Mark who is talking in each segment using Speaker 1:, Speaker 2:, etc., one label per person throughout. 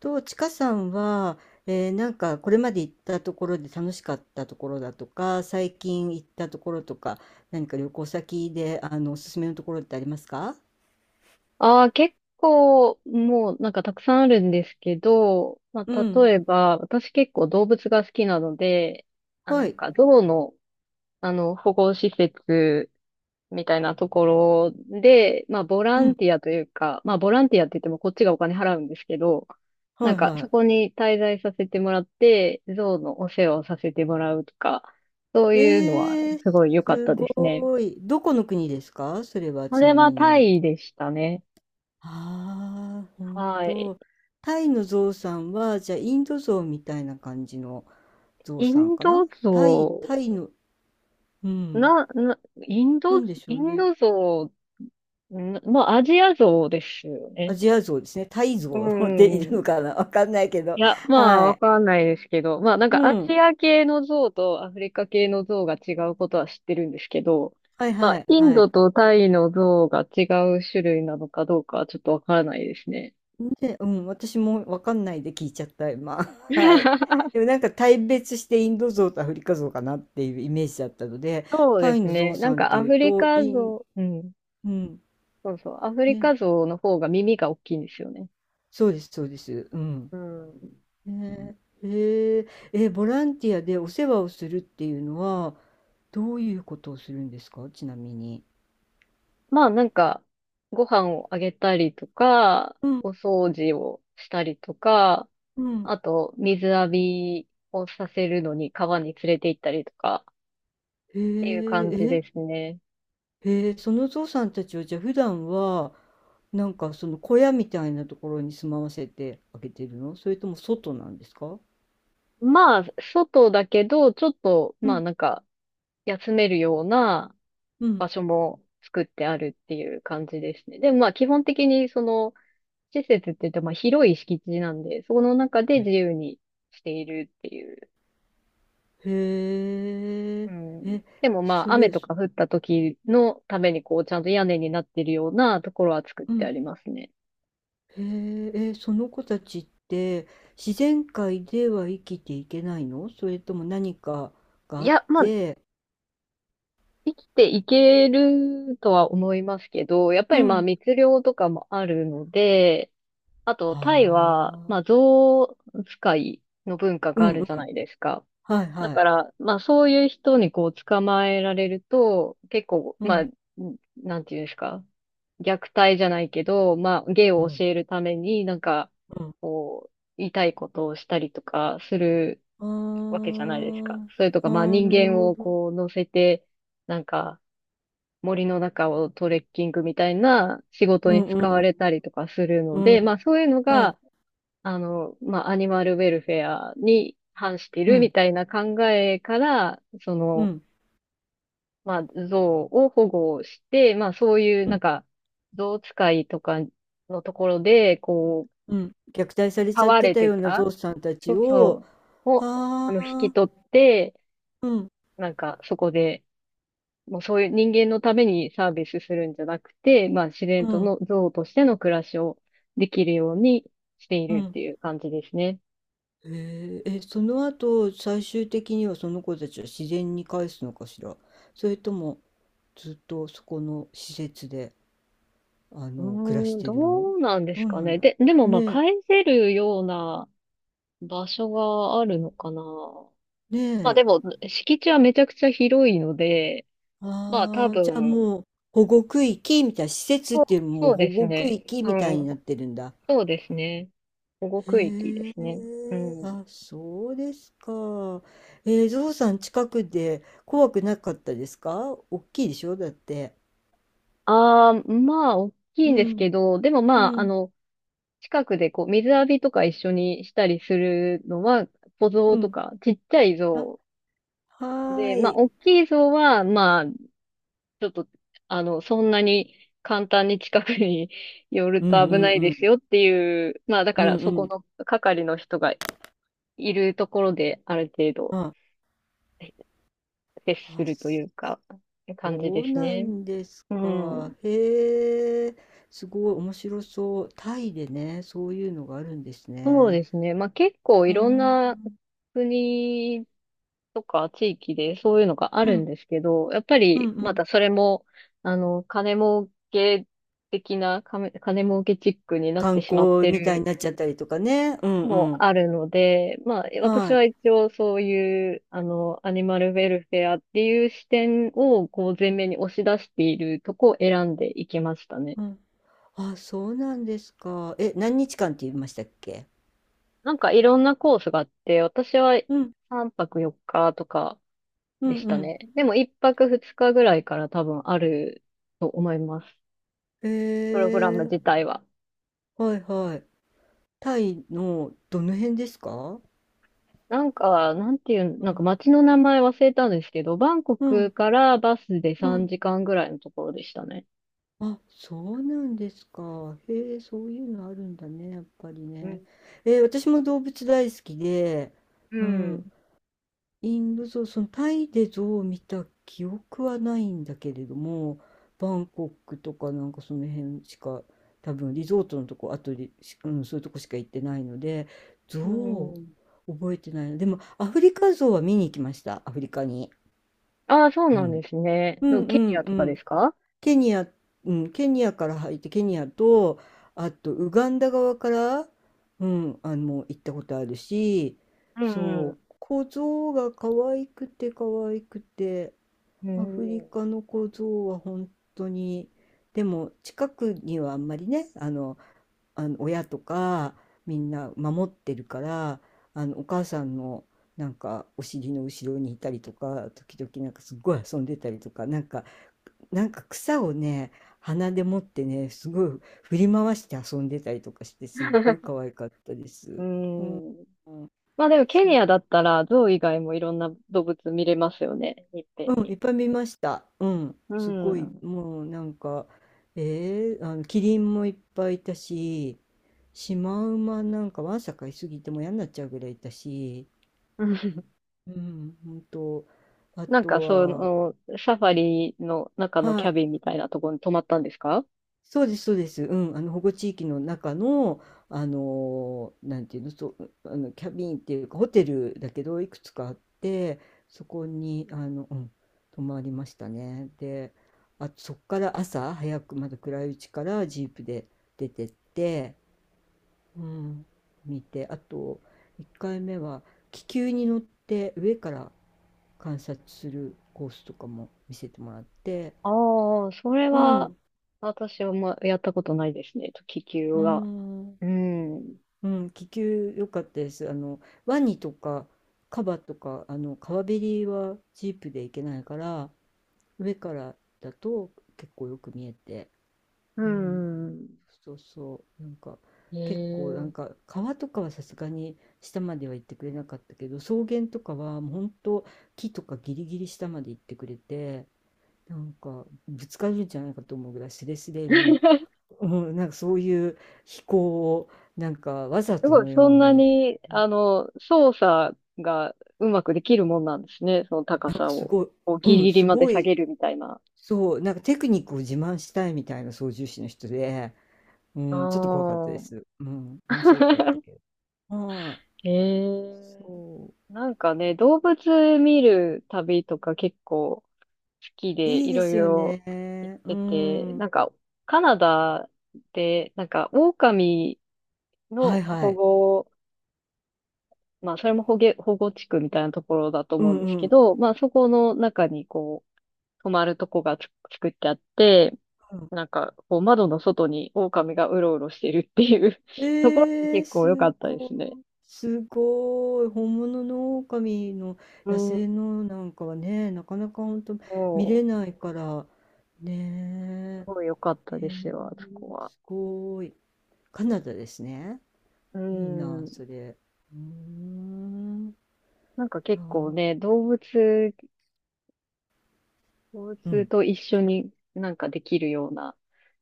Speaker 1: と、ちかさんは、なんかこれまで行ったところで楽しかったところだとか、最近行ったところとか、何か旅行先で、あの、おすすめのところってありますか？
Speaker 2: ああ、結構、もうなんかたくさんあるんですけど、ま
Speaker 1: う
Speaker 2: あ、
Speaker 1: ん。
Speaker 2: 例えば、私結構動物が好きなので、あ、な
Speaker 1: は
Speaker 2: ん
Speaker 1: い。
Speaker 2: かゾウの、あの、保護施設みたいなところで、まあ、ボ
Speaker 1: う
Speaker 2: ラン
Speaker 1: ん。
Speaker 2: ティアというか、まあ、ボランティアって言ってもこっちがお金払うんですけど、な
Speaker 1: は
Speaker 2: ん
Speaker 1: い
Speaker 2: かそ
Speaker 1: は
Speaker 2: こに滞在させてもらって、ゾウのお世話をさせてもらうとか、そう
Speaker 1: い。
Speaker 2: いうのはすごい良かっ
Speaker 1: す
Speaker 2: たですね。
Speaker 1: ごい。どこの国ですかそれは
Speaker 2: こ
Speaker 1: ち
Speaker 2: れ
Speaker 1: なみ
Speaker 2: はタ
Speaker 1: に。
Speaker 2: イでしたね。
Speaker 1: ああ、本
Speaker 2: はい。
Speaker 1: 当。タイのゾウさんは、じゃあインドゾウみたいな感じのゾウ
Speaker 2: イ
Speaker 1: さん
Speaker 2: ン
Speaker 1: かな。
Speaker 2: ド
Speaker 1: タイ、タ
Speaker 2: ゾ
Speaker 1: イの、う
Speaker 2: ウ、
Speaker 1: ん。
Speaker 2: な、な、イン
Speaker 1: な
Speaker 2: ド、
Speaker 1: んでしょ
Speaker 2: イ
Speaker 1: う
Speaker 2: ン
Speaker 1: ね。
Speaker 2: ドゾウ、なまあ、アジアゾウですよ
Speaker 1: ア
Speaker 2: ね。
Speaker 1: ジアゾウですね。タイ
Speaker 2: う
Speaker 1: ゾウでいる
Speaker 2: ん。
Speaker 1: のかな、わかんないけど、
Speaker 2: いや、まあ、
Speaker 1: は
Speaker 2: わ
Speaker 1: い。
Speaker 2: かんないですけど、まあ、なん
Speaker 1: う
Speaker 2: かア
Speaker 1: ん。
Speaker 2: ジア系のゾウとアフリカ系のゾウが違うことは知ってるんですけど、
Speaker 1: はい
Speaker 2: ま
Speaker 1: は
Speaker 2: あ、
Speaker 1: い
Speaker 2: イン
Speaker 1: はい。
Speaker 2: ドとタイのゾウが違う種類なのかどうかはちょっとわからないですね。
Speaker 1: で、うん、私もわかんないで聞いちゃった、今。はい。でもなんか大別してインドゾウとアフリカゾウかなっていうイメージだったので、
Speaker 2: そう
Speaker 1: タ
Speaker 2: で
Speaker 1: イ
Speaker 2: す
Speaker 1: のゾ
Speaker 2: ね。
Speaker 1: ウ
Speaker 2: な
Speaker 1: さ
Speaker 2: ん
Speaker 1: んっ
Speaker 2: か
Speaker 1: て
Speaker 2: ア
Speaker 1: いう
Speaker 2: フリ
Speaker 1: と、
Speaker 2: カゾウ、うん。
Speaker 1: うん、
Speaker 2: そうそう。アフリ
Speaker 1: ね、
Speaker 2: カゾウの方が耳が大きいんですよね。
Speaker 1: そうです、そうです。うん。
Speaker 2: うん。
Speaker 1: ね、えー、ボランティアでお世話をするっていうのは、どういうことをするんですか、ちなみに。
Speaker 2: まあなんか、ご飯をあげたりとか、
Speaker 1: うん、
Speaker 2: お掃除をしたりとか、
Speaker 1: うん。
Speaker 2: あと水浴びをさせるのに川に連れて行ったりとかっ
Speaker 1: へ
Speaker 2: ていう感じ
Speaker 1: え、
Speaker 2: ですね。
Speaker 1: へえ、そのゾウさんたちをじゃあ普段はなんかその小屋みたいなところに住まわせてあげてるの、それとも外なんですか？
Speaker 2: まあ、外だけど、ちょっと、
Speaker 1: う
Speaker 2: まあ
Speaker 1: ん
Speaker 2: なんか、休めるような
Speaker 1: うん。
Speaker 2: 作ってあるっていう感じですね。でもまあ基本的にその施設って言ってまあ広い敷地なんで、その中で
Speaker 1: へ
Speaker 2: 自由にしているっていう、う
Speaker 1: え。
Speaker 2: ん。
Speaker 1: え
Speaker 2: でもま
Speaker 1: そ
Speaker 2: あ、雨
Speaker 1: れ
Speaker 2: と
Speaker 1: そ
Speaker 2: か降った時のためにこう、ちゃんと屋根になってるようなところは作っ
Speaker 1: う
Speaker 2: てあ
Speaker 1: ん。
Speaker 2: りますね。
Speaker 1: へえ。その子たちって自然界では生きていけないの、それとも何かが
Speaker 2: い
Speaker 1: あっ
Speaker 2: や、まあ、
Speaker 1: て？
Speaker 2: 生きていけるとは思いますけど、やっぱ
Speaker 1: う
Speaker 2: りまあ、
Speaker 1: ん。
Speaker 2: 密漁とかもあるので、あと、タイ
Speaker 1: は
Speaker 2: は、まあ、
Speaker 1: あ。
Speaker 2: 象使いの文化
Speaker 1: う
Speaker 2: が
Speaker 1: ん、
Speaker 2: あ
Speaker 1: う
Speaker 2: る
Speaker 1: ん。
Speaker 2: じゃないですか。
Speaker 1: はい
Speaker 2: だ
Speaker 1: は
Speaker 2: か
Speaker 1: い。
Speaker 2: ら、まあそういう人にこう捕まえられると、結構、
Speaker 1: う
Speaker 2: まあ、
Speaker 1: ん、
Speaker 2: なんていうんですか、虐待じゃないけど、まあ芸
Speaker 1: う
Speaker 2: を
Speaker 1: ん、
Speaker 2: 教えるために、なんか、
Speaker 1: うん。
Speaker 2: こう、言いたいことをしたりとかする
Speaker 1: あ
Speaker 2: わけじゃないですか。
Speaker 1: ー、
Speaker 2: それと
Speaker 1: あ
Speaker 2: か、まあ
Speaker 1: ー、
Speaker 2: 人
Speaker 1: なる
Speaker 2: 間
Speaker 1: ほ
Speaker 2: を
Speaker 1: ど。
Speaker 2: こう乗せて、なんか森の中をトレッキングみたいな仕事
Speaker 1: うん、
Speaker 2: に
Speaker 1: う
Speaker 2: 使われ
Speaker 1: ん、
Speaker 2: たりとかする
Speaker 1: う
Speaker 2: の
Speaker 1: ん、う
Speaker 2: で、
Speaker 1: ん。
Speaker 2: まあそういうの
Speaker 1: は
Speaker 2: が、
Speaker 1: い。
Speaker 2: あの、まあ、アニマルウェルフェアに反して
Speaker 1: う
Speaker 2: るみ
Speaker 1: ん。
Speaker 2: たいな考えから、そ
Speaker 1: う
Speaker 2: の、
Speaker 1: ん。
Speaker 2: まあ、象を保護して、まあ、そういう
Speaker 1: う
Speaker 2: な
Speaker 1: ん。
Speaker 2: んか、象使いとかのところで、こう、
Speaker 1: うん。虐待され
Speaker 2: 飼
Speaker 1: ちゃっ
Speaker 2: わ
Speaker 1: て
Speaker 2: れ
Speaker 1: た
Speaker 2: て
Speaker 1: ような
Speaker 2: た、
Speaker 1: ゾウさんた
Speaker 2: そ
Speaker 1: ち
Speaker 2: う
Speaker 1: を、
Speaker 2: そう、
Speaker 1: は
Speaker 2: を、あの、引き
Speaker 1: あ、
Speaker 2: 取って、
Speaker 1: うん。
Speaker 2: なんか、そこで、もうそういう人間のためにサービスするんじゃなくて、まあ、自然
Speaker 1: う
Speaker 2: と
Speaker 1: ん。
Speaker 2: の象としての暮らしをできるようにしてい
Speaker 1: う
Speaker 2: るっ
Speaker 1: ん。
Speaker 2: ていう感じですね。
Speaker 1: へえ、え、その後、最終的にはその子たちは自然に返すのかしら。それとも、ずっとそこの施設で、あ
Speaker 2: う
Speaker 1: の、暮ら
Speaker 2: ー
Speaker 1: し
Speaker 2: ん、
Speaker 1: て
Speaker 2: ど
Speaker 1: るの？
Speaker 2: うなんで
Speaker 1: ど
Speaker 2: す
Speaker 1: う
Speaker 2: か
Speaker 1: なん
Speaker 2: ね。
Speaker 1: だろ
Speaker 2: でも
Speaker 1: う。
Speaker 2: まあ
Speaker 1: ね
Speaker 2: 返せるような場所があるのかな。
Speaker 1: え、ね
Speaker 2: まあで
Speaker 1: え。
Speaker 2: も、敷地はめちゃくちゃ広いので、まあ多
Speaker 1: ああ、じゃあ
Speaker 2: 分、
Speaker 1: もう、保護区域みたいな、施設っ
Speaker 2: そう、
Speaker 1: ていうよりもも
Speaker 2: そ
Speaker 1: う
Speaker 2: う
Speaker 1: 保
Speaker 2: です
Speaker 1: 護区
Speaker 2: ね。
Speaker 1: 域
Speaker 2: う
Speaker 1: みたいに
Speaker 2: ん、
Speaker 1: なってるんだ。
Speaker 2: そうですね。保護区域で
Speaker 1: へえ、
Speaker 2: すね。うん。
Speaker 1: あ、そうですか。ゾウさん近くで怖くなかったですか？大きいでしょだって。
Speaker 2: ああ、まあ、大きい
Speaker 1: う
Speaker 2: んです
Speaker 1: ん、
Speaker 2: けど、でもま
Speaker 1: う
Speaker 2: あ、あ
Speaker 1: ん、
Speaker 2: の、近くでこう、水浴びとか一緒にしたりするのは、小
Speaker 1: う
Speaker 2: 像と
Speaker 1: ん。
Speaker 2: か、ちっちゃい
Speaker 1: あ、
Speaker 2: 像
Speaker 1: は
Speaker 2: で、ま
Speaker 1: ー
Speaker 2: あ、
Speaker 1: い。
Speaker 2: 大きい像は、まあ、ちょっと、あの、そんなに簡単に近くに 寄る
Speaker 1: う
Speaker 2: と
Speaker 1: んう
Speaker 2: 危
Speaker 1: ん
Speaker 2: ない
Speaker 1: う
Speaker 2: です
Speaker 1: ん。
Speaker 2: よっていう、まあだ
Speaker 1: う
Speaker 2: か
Speaker 1: ん
Speaker 2: ら
Speaker 1: う
Speaker 2: そこ
Speaker 1: ん。
Speaker 2: の係の人がいるところである程度
Speaker 1: あ、
Speaker 2: 接す
Speaker 1: あ、
Speaker 2: るというか、感じ
Speaker 1: そう
Speaker 2: です
Speaker 1: な
Speaker 2: ね。
Speaker 1: んです
Speaker 2: うん。
Speaker 1: か。へえ、すごい面白そう。タイでね、そういうのがあるんです
Speaker 2: そう
Speaker 1: ね。
Speaker 2: ですね。まあ結構い
Speaker 1: う
Speaker 2: ろんな
Speaker 1: ん、
Speaker 2: 国とか地域でそういうのがあ
Speaker 1: う
Speaker 2: るん
Speaker 1: ん、
Speaker 2: ですけど、やっぱ
Speaker 1: うんう
Speaker 2: りま
Speaker 1: ん。
Speaker 2: たそれも、あの、金儲け的な、金儲けチックになって
Speaker 1: 観
Speaker 2: しまっ
Speaker 1: 光
Speaker 2: て
Speaker 1: みたいに
Speaker 2: る
Speaker 1: なっちゃったりとかね。うん
Speaker 2: も
Speaker 1: うん。
Speaker 2: あるので、まあ、私
Speaker 1: はい。
Speaker 2: は一応そういう、あの、アニマルウェルフェアっていう視点を、こう、前面に押し出しているとこを選んでいきましたね。
Speaker 1: うん。あ、そうなんですか。え、何日間って言いましたっけ？
Speaker 2: なんかいろんなコースがあって、私は
Speaker 1: うん、
Speaker 2: 3泊4日とか
Speaker 1: う
Speaker 2: で
Speaker 1: ん
Speaker 2: し
Speaker 1: う
Speaker 2: た
Speaker 1: ん。
Speaker 2: ね。でも1泊2日ぐらいから多分あると思います。
Speaker 1: へ
Speaker 2: プログラム
Speaker 1: えー、
Speaker 2: 自体は。
Speaker 1: はいはい。タイのどの辺ですか？
Speaker 2: なんか、なんていう、
Speaker 1: う
Speaker 2: なんか
Speaker 1: ん、
Speaker 2: 街の名前忘れたんですけど、バンコ
Speaker 1: う
Speaker 2: ク
Speaker 1: ん、
Speaker 2: からバスで
Speaker 1: う
Speaker 2: 3
Speaker 1: ん。
Speaker 2: 時間ぐらいのところでしたね。
Speaker 1: あ、そうなんですか。へえ、そういうのあるんだね、やっぱり
Speaker 2: う
Speaker 1: ね。
Speaker 2: ん。
Speaker 1: え、私も動物大好きで、
Speaker 2: う
Speaker 1: うん、
Speaker 2: ん
Speaker 1: インドゾそのタイでゾウを見た記憶はないんだけれども、バンコクとかなんかその辺しか、多分リゾートのとこ、あとリうん、そういうとこしか行ってないので、ゾ
Speaker 2: う
Speaker 1: ウ、
Speaker 2: ん。
Speaker 1: 覚えてないな。でも、アフリカゾウは見に行きました、アフリカに。
Speaker 2: ああ、そう
Speaker 1: う
Speaker 2: なん
Speaker 1: ん。
Speaker 2: ですね。
Speaker 1: う
Speaker 2: でも
Speaker 1: んう
Speaker 2: ケニ
Speaker 1: ん
Speaker 2: ア
Speaker 1: う
Speaker 2: とかで
Speaker 1: ん。
Speaker 2: すか。
Speaker 1: ケニア、うん、ケニアから入ってケニアとあとウガンダ側から、うん、あの行ったことあるし、
Speaker 2: う
Speaker 1: そ
Speaker 2: ん。
Speaker 1: う、小僧が可愛くて可愛くて、
Speaker 2: う
Speaker 1: アフリ
Speaker 2: ん。
Speaker 1: カの小僧は本当に、でも近くにはあんまりね、あの、あの親とかみんな守ってるから、あのお母さんのなんかお尻の後ろにいたりとか、時々なんかすっごい遊んでたりとか、なんか草をね、鼻で持ってね、すごい振り回して遊んでたりとかして、すっごい可愛かったで
Speaker 2: う
Speaker 1: す。うん、
Speaker 2: ん。
Speaker 1: うん、
Speaker 2: まあでもケニ
Speaker 1: そ
Speaker 2: アだったら、象以外もいろんな動物見れますよね。いっぺん
Speaker 1: う、うん、い
Speaker 2: に。
Speaker 1: っぱい見ました。うん、
Speaker 2: う
Speaker 1: すごい、
Speaker 2: ん。
Speaker 1: もうなんか、あの、キリンもいっぱいいたし、シマウマなんかわんさかいすぎてもう嫌になっちゃうぐらいいたし、
Speaker 2: うん、
Speaker 1: うん、ほんと、あ
Speaker 2: なん
Speaker 1: と
Speaker 2: か、そ
Speaker 1: は、
Speaker 2: の、サファリの中の
Speaker 1: は
Speaker 2: キャ
Speaker 1: い、
Speaker 2: ビンみたいなところに泊まったんですか。
Speaker 1: そうです、そうです。うん、あの保護地域の中の、なんていうの、そう、あのキャビンっていうかホテルだけどいくつかあって、そこにあの、うん、泊まりましたね。で、あ、そこから朝早くまだ暗いうちからジープで出てって、うん、見て、あと1回目は気球に乗って上から観察するコースとかも見せてもらって、
Speaker 2: ああ、それ
Speaker 1: う
Speaker 2: は、
Speaker 1: ん、
Speaker 2: 私はまやったことないですね。気球
Speaker 1: う
Speaker 2: は。
Speaker 1: ん、
Speaker 2: うん。
Speaker 1: うん、気球良かったです。あの、ワニとかカバとか、あの、川べりはジープで行けないから、上からだと結構よく見えて、
Speaker 2: う
Speaker 1: うん、
Speaker 2: ん。
Speaker 1: そうそう、なんか、
Speaker 2: へ
Speaker 1: 結構なん
Speaker 2: え。
Speaker 1: か川とかはさすがに下までは行ってくれなかったけど、草原とかはもう本当木とかギリギリ下まで行ってくれて、なんかぶつかるんじゃないかと思うぐらいスレスレの、うん、なんかそういう飛行をなんかわざ
Speaker 2: す
Speaker 1: と
Speaker 2: ごい、
Speaker 1: の
Speaker 2: そ
Speaker 1: よう
Speaker 2: んな
Speaker 1: に。
Speaker 2: に、
Speaker 1: う
Speaker 2: あの、操作がうまくできるもんなんですね。その高
Speaker 1: なんか
Speaker 2: さ
Speaker 1: す
Speaker 2: を、
Speaker 1: ごい、
Speaker 2: こう
Speaker 1: う
Speaker 2: ギリ
Speaker 1: ん、
Speaker 2: ギリ
Speaker 1: す
Speaker 2: まで
Speaker 1: ご
Speaker 2: 下
Speaker 1: い、
Speaker 2: げるみたいな。
Speaker 1: そう、なんかテクニックを自慢したいみたいな操縦士の人で、うん、ちょっと怖かったで
Speaker 2: あ
Speaker 1: す。うん、
Speaker 2: あ。
Speaker 1: 面白かった けど。は
Speaker 2: へ
Speaker 1: い、
Speaker 2: え。
Speaker 1: そ
Speaker 2: なんかね、動物見る旅とか結構好き
Speaker 1: う。
Speaker 2: で
Speaker 1: いい
Speaker 2: い
Speaker 1: で
Speaker 2: ろい
Speaker 1: すよ
Speaker 2: ろ
Speaker 1: ね。
Speaker 2: 行っ
Speaker 1: う
Speaker 2: てて、
Speaker 1: ん。
Speaker 2: なんかカナダで、なんか狼
Speaker 1: は
Speaker 2: の
Speaker 1: いは
Speaker 2: 保
Speaker 1: い。
Speaker 2: 護、保護地区みたいなところだと
Speaker 1: う
Speaker 2: 思うんです
Speaker 1: んう
Speaker 2: け
Speaker 1: ん。
Speaker 2: ど、まあそこの中にこう、泊まるとこが作ってあって、
Speaker 1: う
Speaker 2: なんか、こう窓の外に狼がうろうろしてるっていう
Speaker 1: ん、
Speaker 2: ところも
Speaker 1: ええ、
Speaker 2: 結
Speaker 1: す
Speaker 2: 構良かったで
Speaker 1: ご
Speaker 2: すね。
Speaker 1: い。すごい。本物の狼の、
Speaker 2: う
Speaker 1: 野
Speaker 2: ん、
Speaker 1: 生のなんかはね、なかなかほんと見
Speaker 2: も
Speaker 1: れないから、
Speaker 2: う、す
Speaker 1: ね
Speaker 2: ごい良かった
Speaker 1: え。
Speaker 2: で
Speaker 1: ええ、
Speaker 2: すよ、あそこは。
Speaker 1: すごい。カナダですね。
Speaker 2: う
Speaker 1: いいな、
Speaker 2: ん。
Speaker 1: それ。うーん。
Speaker 2: なんか
Speaker 1: あ
Speaker 2: 結構
Speaker 1: あ、
Speaker 2: ね、動
Speaker 1: う
Speaker 2: 物
Speaker 1: ん、
Speaker 2: と一緒になんかできるような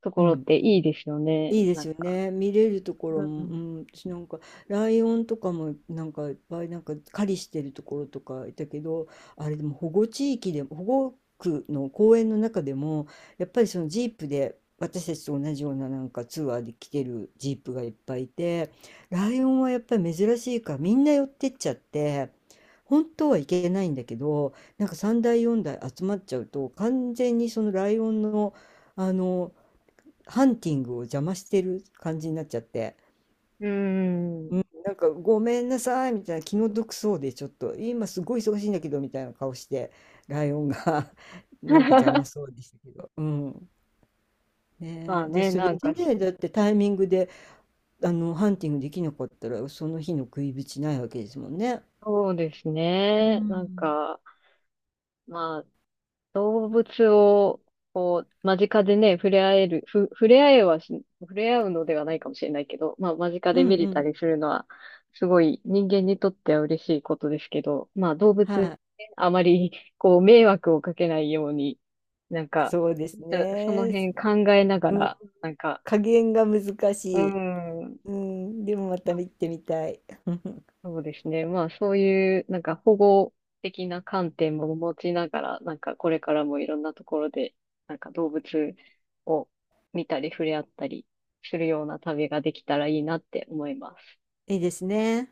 Speaker 2: と
Speaker 1: う
Speaker 2: ころっ
Speaker 1: ん。
Speaker 2: ていいですよね、
Speaker 1: いいで
Speaker 2: な
Speaker 1: す
Speaker 2: ん
Speaker 1: よ
Speaker 2: か。
Speaker 1: ね。見れるとこ
Speaker 2: う
Speaker 1: ろも、う
Speaker 2: ん。
Speaker 1: ん、私なんか、ライオンとかも、なんか、いっぱい、なんか、狩りしてるところとかいたけど、あれでも保護地域でも、保護区の公園の中でも、やっぱりそのジープで、私たちと同じようななんかツアーで来てるジープがいっぱいいて、ライオンはやっぱり珍しいから、みんな寄ってっちゃって、本当はいけないんだけど、なんか3台4台集まっちゃうと、完全にそのライオンの、あの、ハンティングを邪魔してる感じになっちゃって、
Speaker 2: う
Speaker 1: う
Speaker 2: ん。
Speaker 1: ん、なんかごめんなさいみたいな気の毒そうで、ちょっと今すごい忙しいんだけどみたいな顔してライオンが なんか邪魔 そうでしたけど、うん、
Speaker 2: ま
Speaker 1: ね
Speaker 2: あ
Speaker 1: え、で
Speaker 2: ね、
Speaker 1: そ
Speaker 2: な
Speaker 1: れ
Speaker 2: ん
Speaker 1: で
Speaker 2: かし、
Speaker 1: ね、だってタイミングであのハンティングできなかったらその日の食いぶちないわけですもんね。
Speaker 2: そうです
Speaker 1: う
Speaker 2: ね。なん
Speaker 1: ん、
Speaker 2: か、まあ、動物を、こう、間近でね、触れ合える、ふ、触れ合えはし、触れ合うのではないかもしれないけど、まあ、間近
Speaker 1: う
Speaker 2: で
Speaker 1: ん
Speaker 2: 見
Speaker 1: う
Speaker 2: れた
Speaker 1: ん、
Speaker 2: りするのは、すごい人間にとっては嬉しいことですけど、まあ、動物
Speaker 1: は
Speaker 2: ね、
Speaker 1: い、
Speaker 2: あまり、こう、迷惑をかけないように、なんか、
Speaker 1: そうです
Speaker 2: その
Speaker 1: ね、
Speaker 2: 辺考えなが
Speaker 1: うん、
Speaker 2: ら、なんか、
Speaker 1: 加減が難し
Speaker 2: うー
Speaker 1: い、
Speaker 2: ん、
Speaker 1: うん、でもまた見てみたい。
Speaker 2: そうですね。まあ、そういう、なんか保護的な観点も持ちながら、なんかこれからもいろんなところで、なんか動物を見たり触れ合ったりするような旅ができたらいいなって思います。
Speaker 1: いいですね。